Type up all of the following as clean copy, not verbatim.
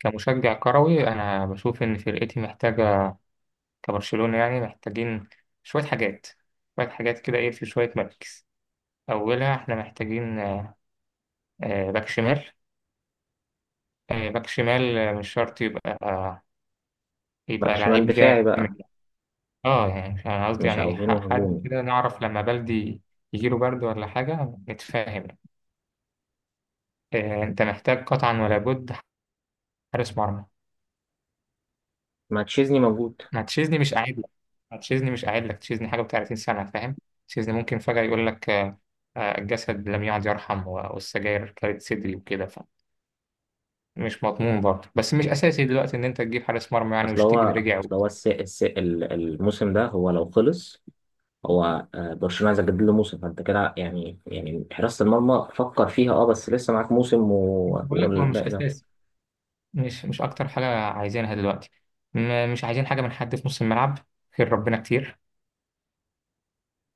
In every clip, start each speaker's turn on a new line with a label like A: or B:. A: كمشجع كروي أنا بشوف إن فرقتي محتاجة كبرشلونة، يعني محتاجين شوية حاجات شوية حاجات كده، إيه، في شوية مراكز. أولها إحنا محتاجين باك شمال. باك شمال مش شرط يبقى،
B: باك
A: يبقى
B: شمال
A: لعيب
B: دفاعي بقى.
A: جامد. اه يعني أنا قصدي
B: مش
A: يعني إيه،
B: عاوزينه
A: حد
B: هجومي.
A: كده نعرف لما بلدي يجيله برد ولا حاجة نتفاهم. أنت محتاج قطعا ولا بد حارس مرمى.
B: ماتشيزني موجود.
A: ما تشيزني مش قاعد لك ما تشيزني مش قاعد لك، تشيزني حاجة و30 سنة فاهم. تشيزني ممكن فجأة يقول لك الجسد لم يعد يرحم والسجاير كانت صدري وكده. فمش مضمون برضه، بس مش أساسي دلوقتي إن أنت تجيب حارس مرمى، يعني
B: اصل
A: وشتيجن
B: هو
A: رجع
B: اصل هو الموسم ده هو لو خلص، هو برشلونة عايز يجدد له موسم، فانت كده يعني يعني حراسة المرمى فكر فيها بس لسه معاك موسم
A: بقول لك هو مش
B: والباقي ده.
A: أساسي. مش أكتر حاجة عايزينها دلوقتي. مش عايزين حاجة من حد في نص الملعب، خير ربنا كتير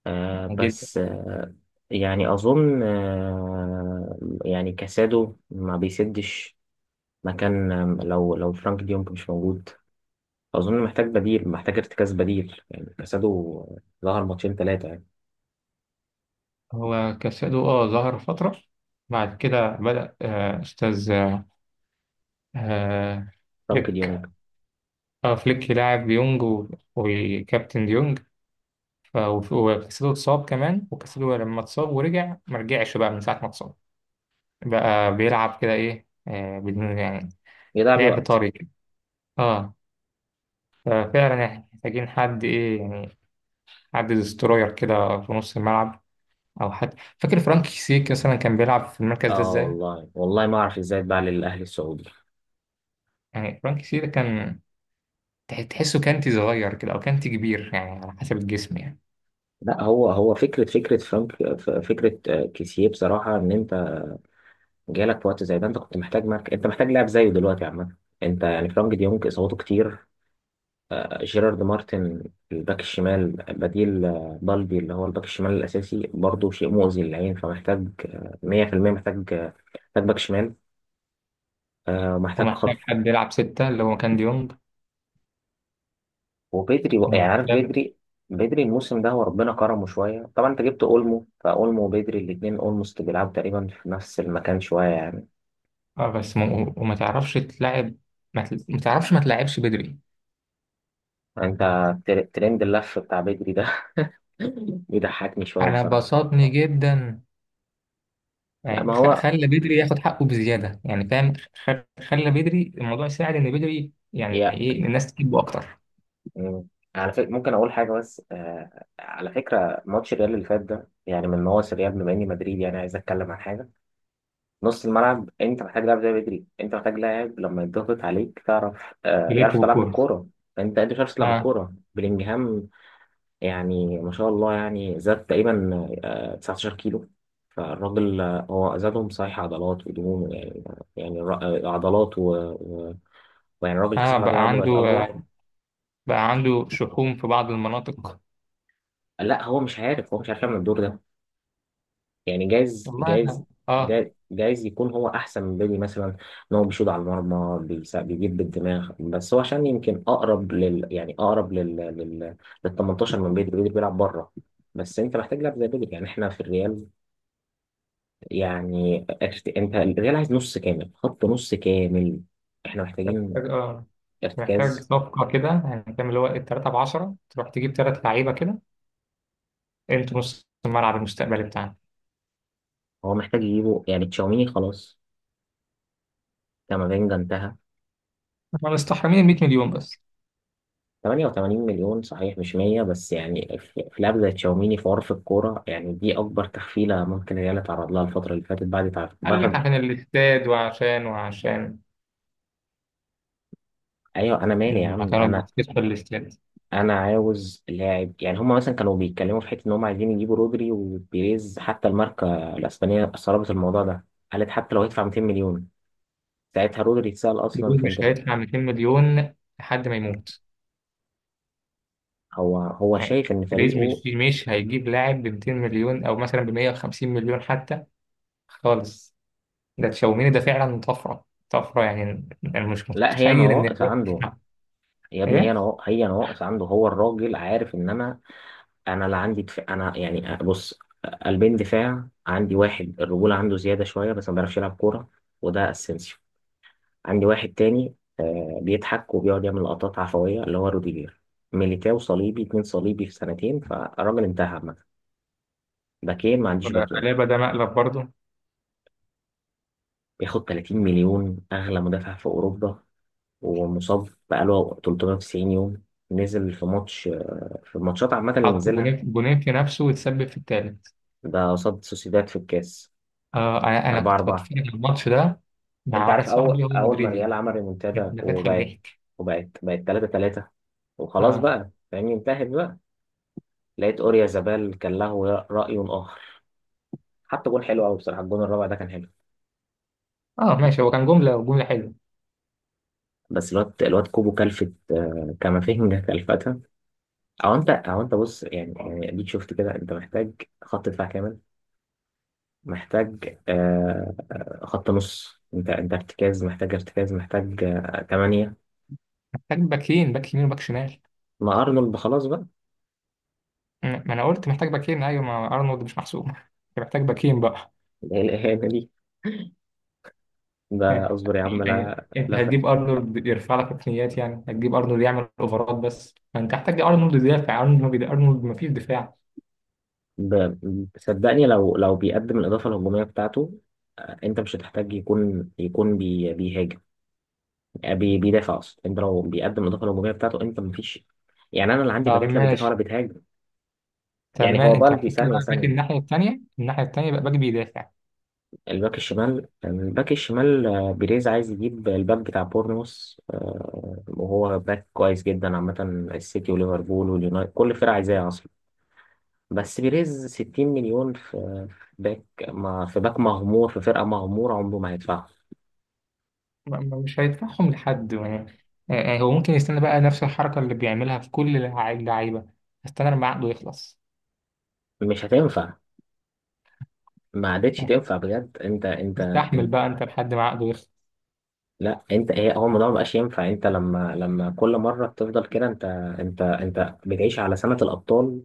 A: يعني جدا.
B: بس يعني اظن يعني كاسادو ما بيسدش مكان، لو فرانك ديونج مش موجود. اظن محتاج بديل، محتاج ارتكاز بديل يعني. كاسادو ظهر ماتشين ثلاثة.
A: هو كاسادو ظهر فترة، بعد كده بدأ آه، أستاذ آه، آه،
B: فرانك ديونج
A: اه فليك لاعب ديونج وكابتن ديونج. وكاسيدو اتصاب كمان، وكاسيدو لما اتصاب ورجع ما رجعش بقى، من ساعة ما اتصاب بقى بيلعب كده ايه، بدون يعني،
B: يضيع بيه
A: لعب
B: وقت.
A: طري كده. اه. ففعلا احنا محتاجين حد ايه يعني، حد ديستروير كده في نص الملعب، او حد. فاكر فرانك سيك مثلا كان بيلعب في المركز ده
B: اه
A: ازاي؟
B: والله والله ما اعرف ازاي اتباع للاهلي السعودي.
A: يعني فرانك سيك ده كان، تحسه كانتي صغير كده او كانتي كبير، يعني على حسب الجسم يعني.
B: لا هو هو فكره فرانك، فكره كيسيه بصراحه، ان انت جالك في وقت زي ده انت كنت محتاج مارك. انت محتاج لاعب زيه دلوقتي عامه. انت يعني فرانك ديونج اصاباته كتير. جيرارد مارتن الباك الشمال بديل، بالدي اللي هو الباك الشمال الاساسي برضه شيء مؤذي للعين. فمحتاج 100% محتاج، محتاج باك شمال، محتاج
A: ومحتاج
B: خط.
A: حد يلعب ستة، اللي هو كان ديونج.
B: يعني عارف
A: ومحتاج،
B: بدري، بدري الموسم ده هو ربنا كرمه شوية. طبعا انت جبت اولمو، فاولمو وبدري الاتنين اولموست بيلعبوا تقريبا في نفس المكان شوية يعني.
A: اه بس وما تعرفش تلعب. ما تعرفش ما تلعبش بدري.
B: انت ترند اللف بتاع بدري ده بيضحكني شوية
A: انا
B: بصراحة.
A: بسطني جدا،
B: لا ما
A: يعني
B: هو
A: خلى بدري ياخد حقه بزياده يعني، فاهم. خ... خلى بدري الموضوع يساعد ان بدري، يعني
B: هي.
A: ايه، الناس تجيبه اكتر.
B: مم. على فكرة ممكن اقول حاجة، بس على فكرة ماتش الريال اللي فات ده يعني من نواصي الريال، بما اني مدريد يعني عايز اتكلم عن حاجة. نص الملعب انت محتاج لاعب زي بدري. انت محتاج لاعب لما يضغط عليك تعرف
A: بيلف
B: يعرف تلعب
A: بالكوره.
B: بالكوره. انت مش عارف تلعب
A: اه.
B: بالكوره بلينجهام يعني. ما شاء الله يعني زاد تقريبا 19 كيلو. فالراجل هو زادهم صحيح عضلات ودهون يعني. يعني عضلات و... ويعني الراجل كسر
A: اه
B: العضلية
A: بقى
B: عنده
A: عنده
B: بقت اكبر.
A: بقى عنده شحوم في بعض المناطق.
B: لا هو مش عارف، هو مش عارف يعمل الدور ده يعني. جايز
A: والله أنا-
B: جايز
A: اه
B: جايز جايز يكون هو احسن من بيلي مثلا. ان هو بيشوط على المرمى، بيجيب بالدماغ. بس هو عشان يمكن اقرب لل يعني اقرب لل 18 من بيلي. بيلي بيلعب بره. بس انت محتاج لاعب زي بيلي يعني. احنا في الريال، يعني انت الريال عايز نص كامل، خط نص كامل. احنا محتاجين
A: محتاج. اه محتاج
B: ارتكاز.
A: صفقه كده يعني، فاهم، اللي هو التلاته ب 10 تروح تجيب ثلاث لعيبه كده. انتوا نص الملعب المستقبلي بتاعنا.
B: هو محتاج يجيبه يعني. تشاوميني خلاص، كامافينجا انتهى.
A: احنا مستحرمين ال 100 مليون بس.
B: 88 مليون صحيح، مش 100 بس. يعني في لاعب زي تشاوميني في عرف الكورة، يعني دي أكبر تحفيلة ممكن الريال اتعرض لها الفترة اللي فاتت بعد تعرف
A: قال لك
B: بعد.
A: عشان الاستاد وعشان
B: أيوه أنا مالي يا
A: لما
B: عم
A: كانوا
B: أنا.
A: بيستثمروا في الاستاد.
B: أنا عاوز لاعب يعني. هما مثلا كانوا بيتكلموا في حتة إن هما عايزين يجيبوا رودري وبيريز، حتى الماركة الأسبانية استغربت الموضوع ده. قالت حتى لو هيدفع 200 مليون. ساعتها رودري اتسأل أصلا
A: بيريز
B: في
A: مش
B: انتر.
A: هيدفع 200 مليون لحد ما يموت.
B: هو هو
A: يعني
B: شايف إن
A: بيريز
B: فريقه،
A: مش هيجيب لاعب ب 200 مليون او مثلا ب 150 مليون حتى، خالص. ده تشاوميني ده فعلا طفره طفره، يعني انا مش
B: لا هي
A: متخيل ان
B: نواقص
A: الريال
B: عنده.
A: تدفع.
B: يا ابني هي
A: ايه.
B: نواقص، هي نواقص عنده. هو الراجل عارف إن أنا، انا لا عندي دفاع. انا يعني بص، قلبين دفاع عندي. واحد الرجوله عنده زياده شويه بس ما بيعرفش يلعب كوره، وده اسينسيو. عندي واحد تاني بيضحك وبيقعد يعمل لقطات عفويه اللي هو روديجير. ميليتاو صليبي اتنين، صليبي في سنتين، فالراجل انتهى عامه. باكين، ما عنديش باكين.
A: قلابه ده، مقلب برضه.
B: بياخد 30 مليون، اغلى مدافع في اوروبا، ومصاب بقاله 390 يوم. نزل في ماتش، في الماتشات عامه اللي
A: حط
B: نزلها،
A: جونين جونين في نفسه وتسبب في الثالث.
B: ده قصاد سوسيداد في الكاس
A: انا كنت
B: 4-4.
A: بتفرج على الماتش ده مع
B: انت
A: واحد
B: عارف اول
A: صاحبي هو
B: اول ما
A: مدريدي،
B: الريال عمل ريمونتادا،
A: ده بيضحك
B: وبقت
A: ضحك.
B: وبقت بقت 3 3، وخلاص
A: اه.
B: بقى فاهمني، انتهت بقى. لقيت اوريا زبال كان له راي اخر. حتى جون حلو قوي بصراحه، الجون الرابع ده كان حلو.
A: اه ماشي، هو كان جملة وجملة حلوة.
B: بس الواد كوبو كلفت كامافينجا كلفتها. او انت بص، يعني يعني اديك شفت كده. انت محتاج خط دفاع كامل، محتاج خط نص. انت ارتكاز، محتاج ارتكاز. محتج تمانية.
A: محتاج باكين، باك يمين وباك شمال.
B: ما ارنولد خلاص بقى.
A: مم. ما انا قلت محتاج باكين، ايوه، ما ارنولد مش محسوب أنت محتاج باكين بقى.
B: ايه الاهانه دي؟ ده
A: يعني
B: اصبر يا عم،
A: يعني
B: لا
A: انت
B: لا.
A: هتجيب ارنولد يرفع لك ركنيات، يعني هتجيب ارنولد يعمل اوفرات، بس ما انت محتاج ارنولد يدافع. ارنولد ما بيد... ارنولد ما فيش دفاع.
B: ب- صدقني لو لو بيقدم الإضافة الهجومية بتاعته أنت مش هتحتاج يكون يكون بي بيهاجم. آه، بي بيدافع أصلا. أنت لو بيقدم الإضافة الهجومية بتاعته أنت مفيش. يعني أنا اللي عندي
A: طب
B: باكات لا بتدافع ولا
A: ماشي،
B: بتهاجم.
A: طب
B: يعني
A: ما
B: هو
A: انت
B: بالدي
A: محتاج
B: ثانية
A: بقى باك
B: ثانية.
A: الناحية التانية بقى باك بيدافع.
B: الباك الشمال، الباك الشمال، بيريز عايز يجيب الباك بتاع بورنموث، وهو باك كويس جدا عامة. السيتي وليفربول واليونايتد كل الفرق عايزاه أصلا. بس بيريز 60 مليون في باك، ما في باك مغمور في فرقة مغمورة عمره ما هيدفعها.
A: مش هيدفعهم لحد يعني هو ممكن يستنى بقى نفس الحركة اللي بيعملها في كل اللعيبة، استنى لما عقده يخلص.
B: مش هتنفع، ما عادتش تنفع بجد. انت انت,
A: استحمل
B: انت
A: بقى انت لحد ما عقده يخلص.
B: لا انت ايه، هو الموضوع ما بقاش ينفع. انت لما لما كل مره بتفضل كده. انت بتعيش على سنه الابطال.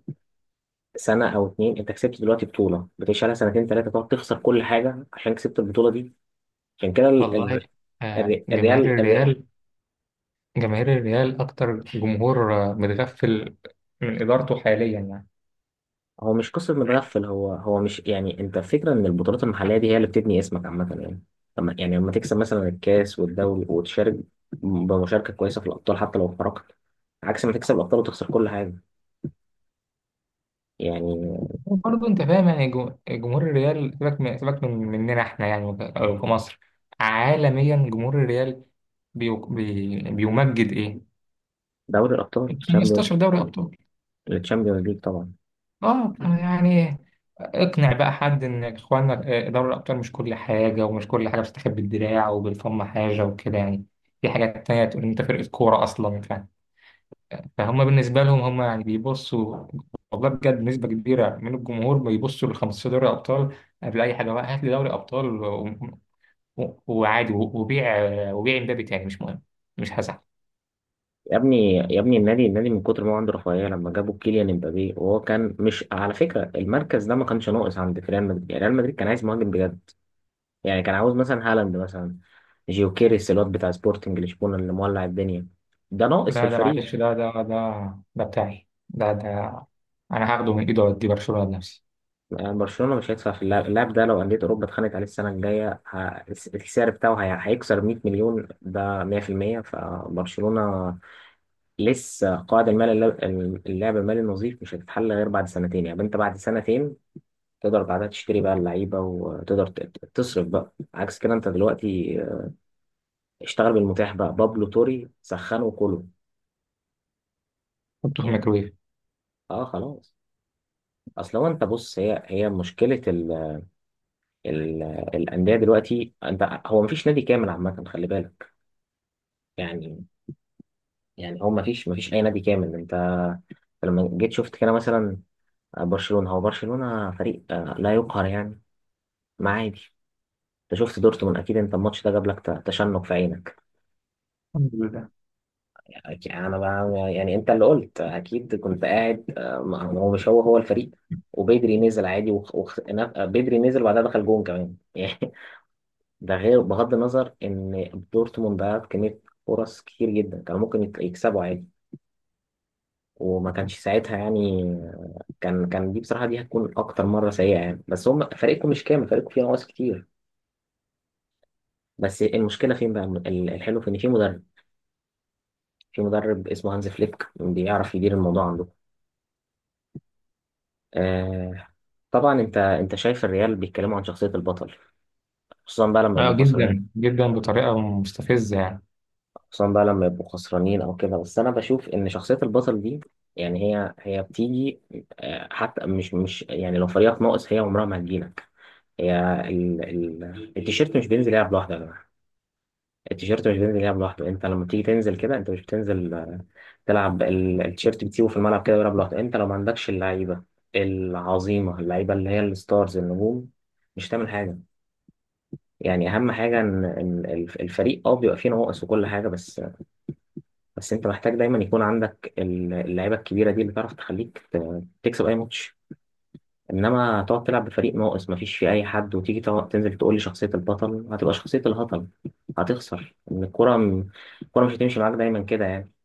B: سنه او اتنين انت كسبت دلوقتي بطوله، بتعيش على سنتين ثلاثه، تقعد تخسر كل حاجه عشان كسبت البطوله دي. عشان كده
A: والله.
B: الريال،
A: آه، جماهير
B: الريال,
A: الريال جماهير الريال اكتر جمهور متغفل من ادارته حاليا يعني.
B: هو مش قصة متغفل. هو هو مش يعني، انت فكرة ان البطولات المحلية دي هي اللي بتبني اسمك عامة يعني. لما يعني لما تكسب مثلا الكاس والدوري، وتشارك بمشاركة كويسة في الأبطال حتى لو خرجت، عكس ما تكسب الأبطال وتخسر كل حاجة يعني.
A: وبرضه انت فاهم يعني، جمهور الريال، سيبك من مننا احنا يعني، أو في مصر، عالميا جمهور الريال بيو بي بيمجد ايه؟
B: دوري الأبطال، تشامبيونز،
A: 15 دوري ابطال.
B: التشامبيونز ليج طبعا.
A: اه يعني، اقنع بقى حد ان اخوانا، دوري الابطال مش كل حاجه، ومش كل حاجه بتستخبى بالدراع وبالفم حاجه وكده يعني. في حاجات تانية تقول إن انت فرقه كوره اصلا، فهم بالنسبه لهم، هم يعني بيبصوا. والله بجد نسبه كبيره من الجمهور بيبصوا ل 15 دوري ابطال قبل اي حاجه. بقى هات لي دوري ابطال وعادي، وبيع امبابي تاني مش مهم، مش هزعل.
B: يا ابني يا ابني النادي، النادي من كتر ما هو عنده رفاهية، لما جابوا كيليان امبابي وهو كان مش على فكرة، المركز ده ما كانش ناقص عند ريال مدريد. يعني ريال مدريد كان عايز مهاجم بجد. يعني كان عاوز مثلا هالاند مثلا، جيوكيريس الواد بتاع سبورتنج لشبونة اللي مولع الدنيا، ده ناقص في
A: لا ده
B: الفريق.
A: معلش، ده بتاعي، ده ده انا هاخده من ايده واديه برشلونه لنفسي.
B: يعني برشلونة مش هيدفع في اللاعب، اللاعب ده لو أندية أوروبا اتخانقت عليه السنة الجاية السعر بتاعه هيكسر 100 مليون ده 100%. فبرشلونة لسه قاعد، المال اللاعب المالي النظيف مش هتتحل غير بعد سنتين. يعني أنت بعد سنتين تقدر بعدها تشتري بقى اللعيبة، وتقدر تصرف بقى عكس كده. أنت دلوقتي اشتغل بالمتاح بقى، بابلو توري سخنه وكله
A: حطه في
B: يعني.
A: الميكرويف.
B: اه خلاص. اصل هو انت بص، هي هي مشكله ال ال الانديه دلوقتي. انت هو مفيش نادي كامل عامه، خلي بالك. يعني يعني هو مفيش مفيش اي نادي كامل. انت لما جيت شفت كده مثلا، برشلونه، هو برشلونه فريق لا يقهر يعني. ما عادي، انت شفت دورتموند اكيد، انت الماتش ده جاب لك تشنج في عينك
A: الحمد لله.
B: يعني. انا بقى يعني انت اللي قلت. اكيد كنت قاعد ما هو مش هو هو الفريق. وبدري نزل عادي بدري نزل، وبعدها دخل جون كمان ده غير بغض النظر ان دورتموند ضيعت كميه فرص كتير جدا كانوا ممكن يكسبوا عادي، وما كانش ساعتها يعني. كان كان دي بصراحه دي هتكون اكتر مره سيئه يعني، بس هم فريقكم مش كامل، فريقكم فيه نواقص كتير. بس المشكله فين بقى، الحلو في ان في مدرب، في مدرب اسمه هانز فليك بيعرف يدير الموضوع عنده. آه. طبعا انت انت شايف الريال بيتكلموا عن شخصيه البطل، خصوصا بقى لما
A: اه،
B: يبقوا خسرانين.
A: جدا جدا، بطريقه مستفزه يعني.
B: خصوصا بقى لما يبقوا خسرانين او كده، بس انا بشوف ان شخصيه البطل دي يعني هي هي بتيجي، حتى مش مش يعني لو فريقك ناقص هي عمرها ما هتجيلك. هي ال ال التيشيرت مش بينزل يلعب لوحده يا جماعه. التيشيرت مش بينزل يلعب لوحده. انت لما بتيجي تنزل كده انت مش بتنزل تلعب التيشيرت، بتسيبه في الملعب كده ويلعب لوحده. انت لو ما عندكش اللعيبه العظيمه، اللعيبه اللي هي الستارز النجوم، مش هتعمل حاجه. يعني اهم حاجه ان إن الفريق بيبقى فيه نواقص وكل حاجه، بس بس انت محتاج دايما يكون عندك اللعيبه الكبيره دي اللي تعرف تخليك تكسب اي ماتش. انما تقعد تلعب بفريق ناقص مفيش فيه اي حد، وتيجي تنزل تقول لي شخصيه البطل هتبقى شخصيه الهطل. هتخسر، ان الكره مش هتمشي معاك دايما كده يعني.